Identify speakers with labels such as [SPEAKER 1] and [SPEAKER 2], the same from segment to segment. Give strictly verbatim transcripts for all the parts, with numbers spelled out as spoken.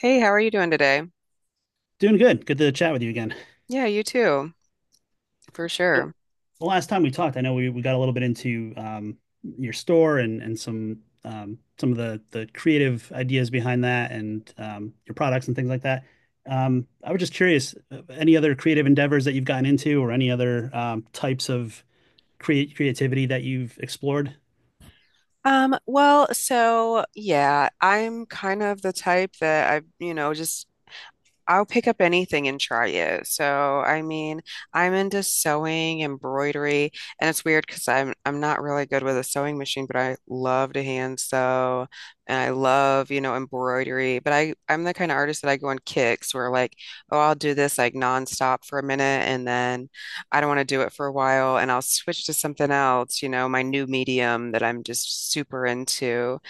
[SPEAKER 1] Hey, how are you doing today?
[SPEAKER 2] Doing good. Good to chat with you again.
[SPEAKER 1] Yeah, you too, for
[SPEAKER 2] So,
[SPEAKER 1] sure.
[SPEAKER 2] the last time we talked, I know we, we got a little bit into um, your store and and some um, some of the the creative ideas behind that and um, your products and things like that. Um, I was just curious, uh, any other creative endeavors that you've gotten into or any other um, types of create creativity that you've explored?
[SPEAKER 1] Um, well, so yeah, I'm kind of the type that I, you know, just I'll pick up anything and try it. So, I mean, I'm into sewing, embroidery, and it's weird because I'm I'm not really good with a sewing machine, but I love to hand sew and I love, you know, embroidery. But I I'm the kind of artist that I go on kicks where, like, oh, I'll do this like nonstop for a minute and then I don't want to do it for a while and I'll switch to something else, you know, my new medium that I'm just super into.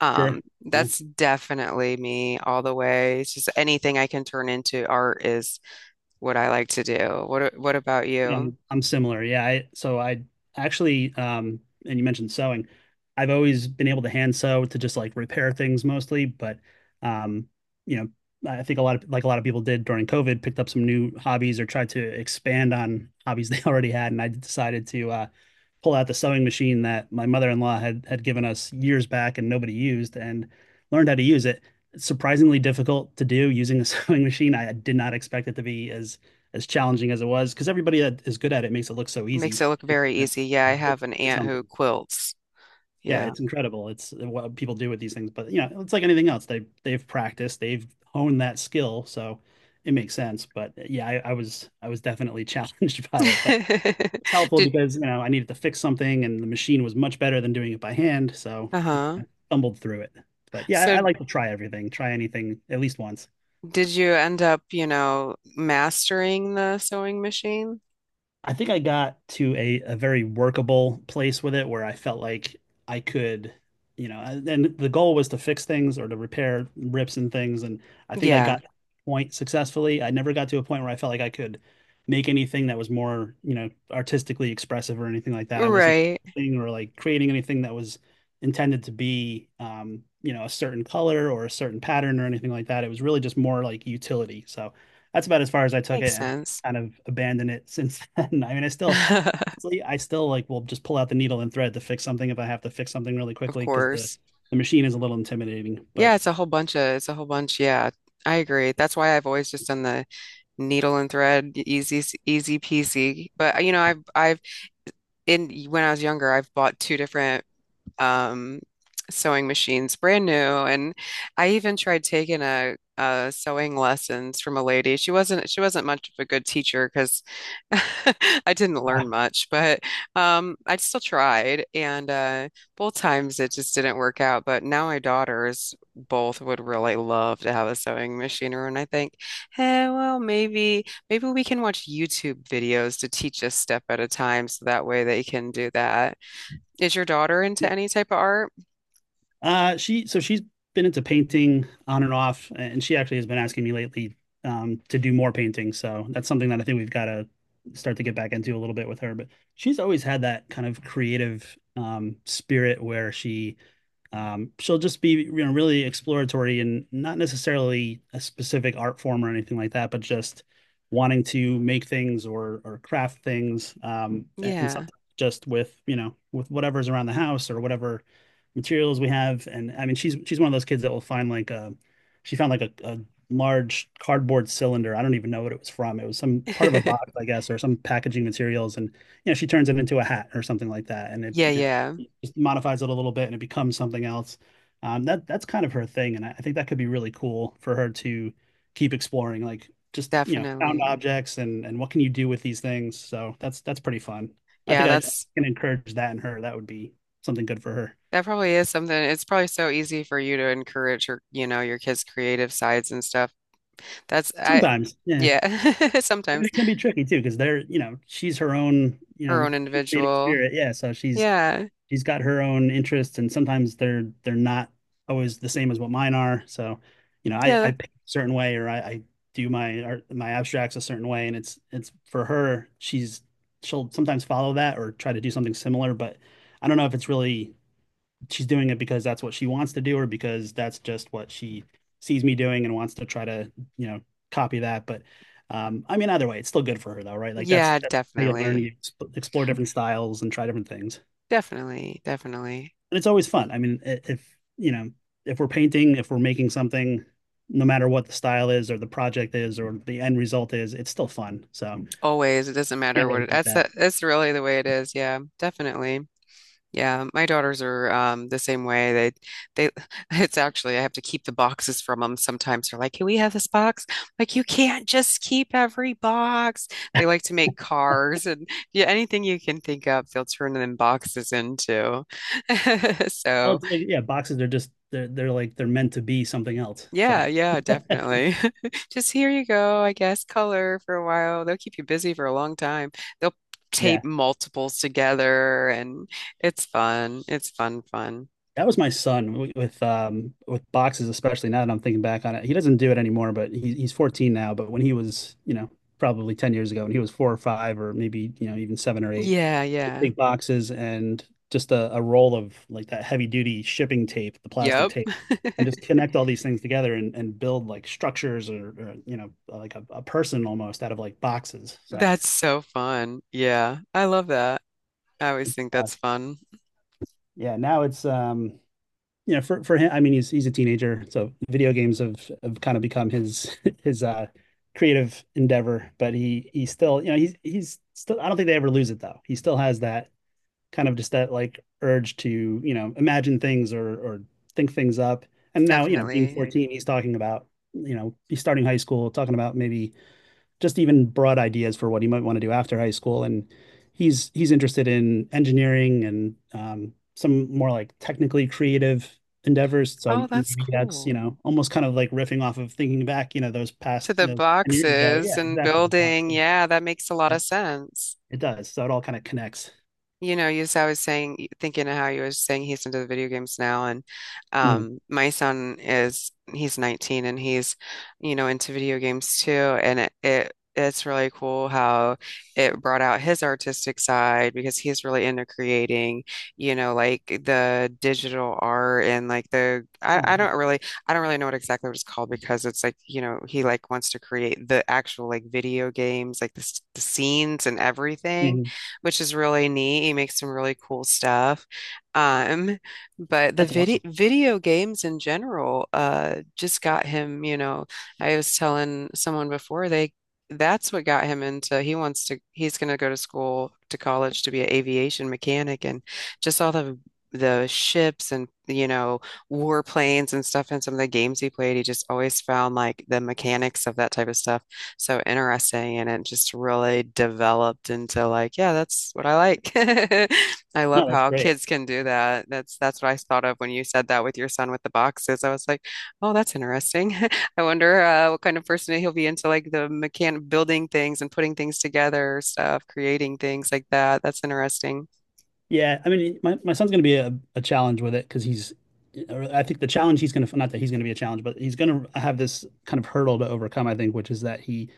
[SPEAKER 1] Um,
[SPEAKER 2] Sure. Yeah.
[SPEAKER 1] that's definitely me all the way. It's just anything I can turn into art is what I like to do. What a- what about you?
[SPEAKER 2] I'm I'm similar. Yeah. I, so I actually, um, and you mentioned sewing. I've always been able to hand sew to just like repair things mostly, but um, you know, I think a lot of like a lot of people did during COVID, picked up some new hobbies or tried to expand on hobbies they already had. And I decided to uh, pull out the sewing machine that my mother-in-law had had given us years back and nobody used, and learned how to use it. It's surprisingly difficult to do using a sewing machine. I did not expect it to be as as challenging as it was because everybody that is good at it makes it look so
[SPEAKER 1] Makes it
[SPEAKER 2] easy.
[SPEAKER 1] look
[SPEAKER 2] You
[SPEAKER 1] very
[SPEAKER 2] know,
[SPEAKER 1] easy. Yeah, I have an
[SPEAKER 2] or
[SPEAKER 1] aunt who
[SPEAKER 2] something.
[SPEAKER 1] quilts.
[SPEAKER 2] Yeah,
[SPEAKER 1] Yeah.
[SPEAKER 2] it's incredible. It's what people do with these things, but you know, it's like anything else. They they've practiced, they've honed that skill, so it makes sense. But yeah, I, I was I was definitely challenged by it, but it's helpful
[SPEAKER 1] Did
[SPEAKER 2] because you know I needed to fix something, and the machine was much better than doing it by hand, so
[SPEAKER 1] uh-huh.
[SPEAKER 2] I stumbled through it. But yeah, I, I
[SPEAKER 1] So
[SPEAKER 2] like to try everything, try anything at least once.
[SPEAKER 1] did you end up, you know, mastering the sewing machine?
[SPEAKER 2] I think I got to a, a very workable place with it where I felt like I could, you know, and and the goal was to fix things or to repair rips and things. And I think I
[SPEAKER 1] Yeah.
[SPEAKER 2] got to a point successfully. I never got to a point where I felt like I could make anything that was more, you know, artistically expressive or anything like that. I wasn't
[SPEAKER 1] Right.
[SPEAKER 2] thing or like creating anything that was intended to be, um, you know, a certain color or a certain pattern or anything like that. It was really just more like utility. So that's about as far as I took
[SPEAKER 1] Makes
[SPEAKER 2] it,
[SPEAKER 1] sense.
[SPEAKER 2] kind of abandoned it since then. I mean, I still, I still like will just pull out the needle and thread to fix something if I have to fix something really
[SPEAKER 1] Of
[SPEAKER 2] quickly because the
[SPEAKER 1] course.
[SPEAKER 2] the machine is a little intimidating.
[SPEAKER 1] Yeah,
[SPEAKER 2] But
[SPEAKER 1] it's a whole bunch of it's a whole bunch. Yeah, I agree. That's why I've always just done the needle and thread, e-, easy, easy peasy. But you know, I've I've in when I was younger, I've bought two different um, sewing machines, brand new. And I even tried taking a, a sewing lessons from a lady. She wasn't she wasn't much of a good teacher because I didn't learn much, but um, I still tried. And uh, both times it just didn't work out. But now my daughters both would really love to have a sewing machine, and I think, hey, well, maybe maybe we can watch YouTube videos to teach us step at a time, so that way they can do that. Is your daughter into
[SPEAKER 2] yeah,
[SPEAKER 1] any type of art?
[SPEAKER 2] uh, she so she's been into painting on and off, and she actually has been asking me lately um, to do more painting. So that's something that I think we've got to start to get back into a little bit with her. But she's always had that kind of creative um, spirit where she, Um, she'll just be, you know, really exploratory and not necessarily a specific art form or anything like that, but just wanting to make things or or craft things, um, and
[SPEAKER 1] Yeah.
[SPEAKER 2] something just with, you know, with whatever's around the house or whatever materials we have. And I mean, she's she's one of those kids that will find like a, she found like a, a large cardboard cylinder. I don't even know what it was from. It was some part of a box, I guess, or some packaging materials, and you know, she turns it into a hat or something like that, and it,
[SPEAKER 1] Yeah,
[SPEAKER 2] you know,
[SPEAKER 1] yeah,
[SPEAKER 2] just modifies it a little bit and it becomes something else. Um, that that's kind of her thing, and I I think that could be really cool for her to keep exploring, like just you know found
[SPEAKER 1] definitely.
[SPEAKER 2] objects and and what can you do with these things. So that's that's pretty fun. I
[SPEAKER 1] Yeah,
[SPEAKER 2] think I
[SPEAKER 1] that's
[SPEAKER 2] can encourage that in her. That would be something good for her.
[SPEAKER 1] that probably is something. It's probably so easy for you to encourage your, you know, your kids' creative sides and stuff. That's I
[SPEAKER 2] Sometimes, yeah, I
[SPEAKER 1] Yeah.
[SPEAKER 2] mean
[SPEAKER 1] Sometimes,
[SPEAKER 2] it can be tricky too because they're, you know, she's her own, you
[SPEAKER 1] her
[SPEAKER 2] know,
[SPEAKER 1] own
[SPEAKER 2] creative
[SPEAKER 1] individual.
[SPEAKER 2] spirit, yeah. So she's
[SPEAKER 1] Yeah.
[SPEAKER 2] she's got her own interests, and sometimes they're they're not always the same as what mine are. So, you know, I I
[SPEAKER 1] Yeah.
[SPEAKER 2] paint a certain way, or I, I do my art, my abstracts a certain way, and it's it's for her. She's she'll sometimes follow that or try to do something similar, but I don't know if it's really she's doing it because that's what she wants to do or because that's just what she sees me doing and wants to try to, you know, copy that. But um, I mean, either way, it's still good for her though, right? Like that's
[SPEAKER 1] Yeah,
[SPEAKER 2] that's how you learn,
[SPEAKER 1] definitely.
[SPEAKER 2] you explore different styles and try different things
[SPEAKER 1] Definitely, definitely.
[SPEAKER 2] and it's always fun. I mean, if you know, if we're painting, if we're making something, no matter what the style is or the project is or the end result is, it's still fun. So
[SPEAKER 1] Always. It doesn't matter
[SPEAKER 2] can't
[SPEAKER 1] what
[SPEAKER 2] really
[SPEAKER 1] it,
[SPEAKER 2] beat
[SPEAKER 1] that's
[SPEAKER 2] that.
[SPEAKER 1] that's really the way it is. Yeah, definitely. Yeah, my daughters are um, the same way. They, they, it's actually, I have to keep the boxes from them sometimes. They're like, can we have this box? Like, you can't just keep every box. They like to make cars and, yeah, anything you can think of, they'll turn them boxes into.
[SPEAKER 2] Oh,
[SPEAKER 1] So,
[SPEAKER 2] like, yeah, boxes are just they're they're like they're meant to be something else. So
[SPEAKER 1] yeah, yeah, definitely. Just here you go, I guess, color for a while. They'll keep you busy for a long time. They'll
[SPEAKER 2] yeah.
[SPEAKER 1] tape multiples together and it's fun. It's fun, fun.
[SPEAKER 2] That was my son wi- with um with boxes, especially now that I'm thinking back on it. He doesn't do it anymore, but he, he's fourteen now. But when he was, you know, probably ten years ago, and he was four or five, or maybe you know even seven or eight,
[SPEAKER 1] Yeah, yeah.
[SPEAKER 2] big boxes and just a, a roll of like that heavy duty shipping tape, the plastic
[SPEAKER 1] Yep.
[SPEAKER 2] tape, and just connect all these things together and, and build like structures or, or you know like a, a person almost out of like boxes. So
[SPEAKER 1] That's so fun. Yeah. I love that. I always think
[SPEAKER 2] uh,
[SPEAKER 1] that's fun.
[SPEAKER 2] yeah, now it's um you know, for for him, I mean, he's he's a teenager, so video games have have kind of become his his uh creative endeavor. But he he still, you know, he's he's still. I don't think they ever lose it though. He still has that kind of just that like urge to you know imagine things or or think things up. And now you know, being
[SPEAKER 1] Definitely.
[SPEAKER 2] fourteen, he's talking about you know he's starting high school, talking about maybe just even broad ideas for what he might want to do after high school. And he's he's interested in engineering and um, some more like technically creative endeavors.
[SPEAKER 1] Oh,
[SPEAKER 2] So
[SPEAKER 1] that's
[SPEAKER 2] maybe that's, you
[SPEAKER 1] cool.
[SPEAKER 2] know, almost kind of like riffing off of thinking back, you know, those past
[SPEAKER 1] To the
[SPEAKER 2] you know, ten years ago.
[SPEAKER 1] boxes
[SPEAKER 2] Yeah,
[SPEAKER 1] and
[SPEAKER 2] exactly. The box.
[SPEAKER 1] building. Yeah, that makes a lot of
[SPEAKER 2] Yep,
[SPEAKER 1] sense.
[SPEAKER 2] it does. So it all kind of connects.
[SPEAKER 1] You know, you I was saying, thinking of how you were saying he's into the video games now, and
[SPEAKER 2] Mm.
[SPEAKER 1] um, my son is he's nineteen and he's, you know, into video games too, and it, it it's really cool how it brought out his artistic side, because he's really into creating, you know, like the digital art, and like the I,
[SPEAKER 2] Oh,
[SPEAKER 1] I
[SPEAKER 2] wow.
[SPEAKER 1] don't really I don't really know what exactly what it's called, because it's like, you know, he like wants to create the actual, like, video games, like the, s- the scenes and everything,
[SPEAKER 2] Mm.
[SPEAKER 1] which is really neat. He makes some really cool stuff. Um, but the
[SPEAKER 2] That's
[SPEAKER 1] video
[SPEAKER 2] awesome.
[SPEAKER 1] video games in general uh just got him, you know, I was telling someone before, they that's what got him into. He wants to he's going to go to school to college to be an aviation mechanic, and just all the the ships and you know warplanes and stuff, and some of the games he played, he just always found like the mechanics of that type of stuff so interesting. And it just really developed into, like, yeah, that's what I like. I love
[SPEAKER 2] No, that's
[SPEAKER 1] how
[SPEAKER 2] great.
[SPEAKER 1] kids can do that. That's that's what I thought of when you said that with your son with the boxes. I was like, oh, that's interesting. I wonder, uh, what kind of person he'll be, into like the mechan building things and putting things together stuff, creating things like that. That's interesting.
[SPEAKER 2] Yeah, I mean, my, my son's going to be a, a challenge with it because he's, or I think the challenge he's going to, not that he's going to be a challenge, but he's going to have this kind of hurdle to overcome, I think, which is that he,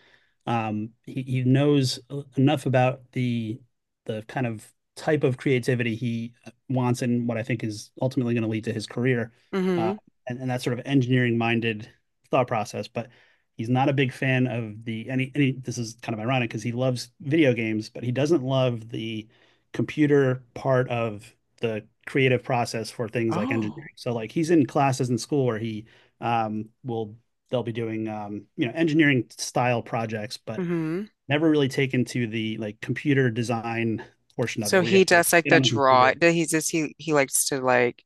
[SPEAKER 2] um, he, he knows enough about the the kind of type of creativity he wants and what I think is ultimately going to lead to his career, uh,
[SPEAKER 1] Mm-hmm.
[SPEAKER 2] and, and that sort of engineering minded thought process. But he's not a big fan of the any any, this is kind of ironic because he loves video games, but he doesn't love the computer part of the creative process for things like
[SPEAKER 1] Oh.
[SPEAKER 2] engineering. So like he's in classes in school where he um, will, they'll be doing um, you know engineering style projects, but
[SPEAKER 1] Mm-hmm.
[SPEAKER 2] never really taken to the like computer design portion of it
[SPEAKER 1] So
[SPEAKER 2] where you
[SPEAKER 1] he
[SPEAKER 2] have to, like,
[SPEAKER 1] does like
[SPEAKER 2] get
[SPEAKER 1] the
[SPEAKER 2] on the
[SPEAKER 1] draw.
[SPEAKER 2] computer.
[SPEAKER 1] He just he he likes to, like,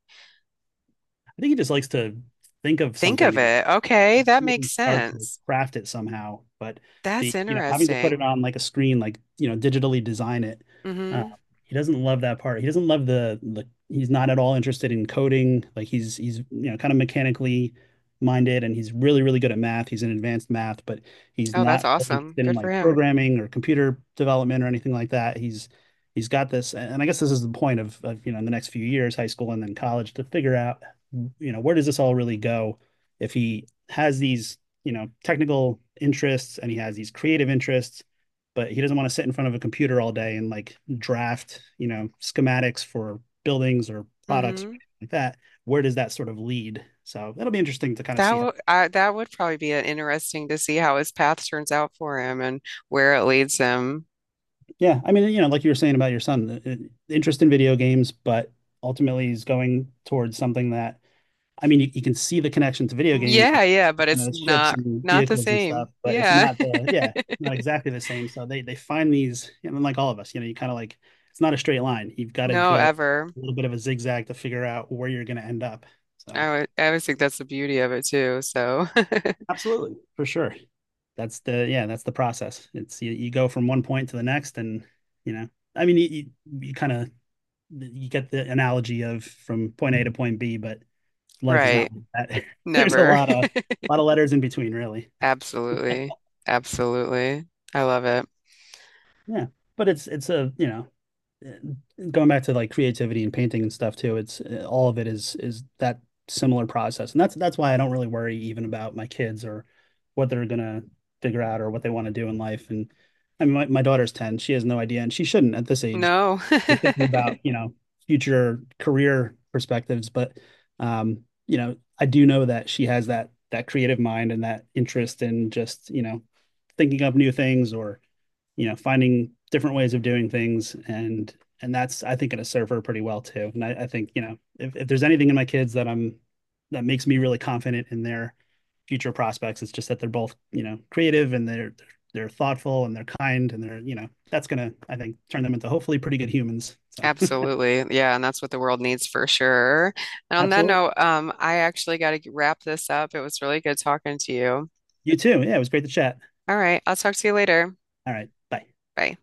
[SPEAKER 2] I think he just likes to think of
[SPEAKER 1] think
[SPEAKER 2] something
[SPEAKER 1] of
[SPEAKER 2] and
[SPEAKER 1] it. Okay, that
[SPEAKER 2] really
[SPEAKER 1] makes
[SPEAKER 2] start to
[SPEAKER 1] sense.
[SPEAKER 2] craft it somehow. But
[SPEAKER 1] That's
[SPEAKER 2] the you know having to put it
[SPEAKER 1] interesting.
[SPEAKER 2] on like a screen, like you know digitally design it, uh,
[SPEAKER 1] Hmm.
[SPEAKER 2] he doesn't love that part. He doesn't love the the. He's not at all interested in coding. Like he's he's you know kind of mechanically minded, and he's really really good at math. He's in advanced math, but he's
[SPEAKER 1] Oh, that's
[SPEAKER 2] not really
[SPEAKER 1] awesome.
[SPEAKER 2] interested in
[SPEAKER 1] Good for
[SPEAKER 2] like
[SPEAKER 1] him.
[SPEAKER 2] programming or computer development or anything like that. He's he's got this, and I guess this is the point of, of you know in the next few years, high school and then college, to figure out you know where does this all really go if he has these, you know, technical interests and he has these creative interests, but he doesn't want to sit in front of a computer all day and like draft, you know, schematics for buildings or products or
[SPEAKER 1] Hmm.
[SPEAKER 2] anything like that, where does that sort of lead? So that'll be interesting to kind of
[SPEAKER 1] That
[SPEAKER 2] see how.
[SPEAKER 1] would I, that would probably be an interesting to see how his path turns out for him and where it leads him.
[SPEAKER 2] Yeah, I mean, you know, like you were saying about your son, the- interest in video games, but ultimately he's going towards something that, I mean, you, you can see the connection to video games and
[SPEAKER 1] Yeah, yeah, but
[SPEAKER 2] kind
[SPEAKER 1] it's
[SPEAKER 2] of ships
[SPEAKER 1] not
[SPEAKER 2] and
[SPEAKER 1] not the
[SPEAKER 2] vehicles and stuff,
[SPEAKER 1] same.
[SPEAKER 2] but it's
[SPEAKER 1] Yeah.
[SPEAKER 2] not the yeah, not exactly the same. So they they find these, and like all of us, you know, you kind of like it's not a straight line. You've got to
[SPEAKER 1] No,
[SPEAKER 2] go
[SPEAKER 1] ever.
[SPEAKER 2] a little bit of a zigzag to figure out where you're going to end up. So
[SPEAKER 1] I would I always think that's the beauty of it too. So,
[SPEAKER 2] absolutely, for sure. That's the yeah, that's the process. It's you, you go from one point to the next, and you know, I mean, you you, you kind of you get the analogy of from point A to point B, but life is not
[SPEAKER 1] right.
[SPEAKER 2] like that. There's a
[SPEAKER 1] Never.
[SPEAKER 2] lot of a lot of letters in between, really.
[SPEAKER 1] Absolutely. Absolutely. I love it.
[SPEAKER 2] Yeah, but it's it's a you know, eh, going back to like creativity and painting and stuff too. It's eh, all of it is is that similar process, and that's that's why I don't really worry even about my kids or what they're gonna figure out or what they want to do in life. And I mean, my, my daughter's ten; she has no idea, and she shouldn't at this age.
[SPEAKER 1] No.
[SPEAKER 2] You're thinking about you know future career perspectives, but um, you know I do know that she has that that creative mind and that interest in just you know thinking up new things or you know finding different ways of doing things and and that's I think going to serve her pretty well too. And I, I think you know if, if there's anything in my kids that I'm, that makes me really confident in their future prospects, it's just that they're both you know creative and they're they're thoughtful and they're kind and they're you know that's gonna I think turn them into hopefully pretty good humans. So
[SPEAKER 1] Absolutely. Yeah, and that's what the world needs for sure. And on that
[SPEAKER 2] absolutely,
[SPEAKER 1] note, um, I actually got to wrap this up. It was really good talking to you.
[SPEAKER 2] you too. Yeah, it was great to chat.
[SPEAKER 1] All right, I'll talk to you later.
[SPEAKER 2] All right, bye.
[SPEAKER 1] Bye.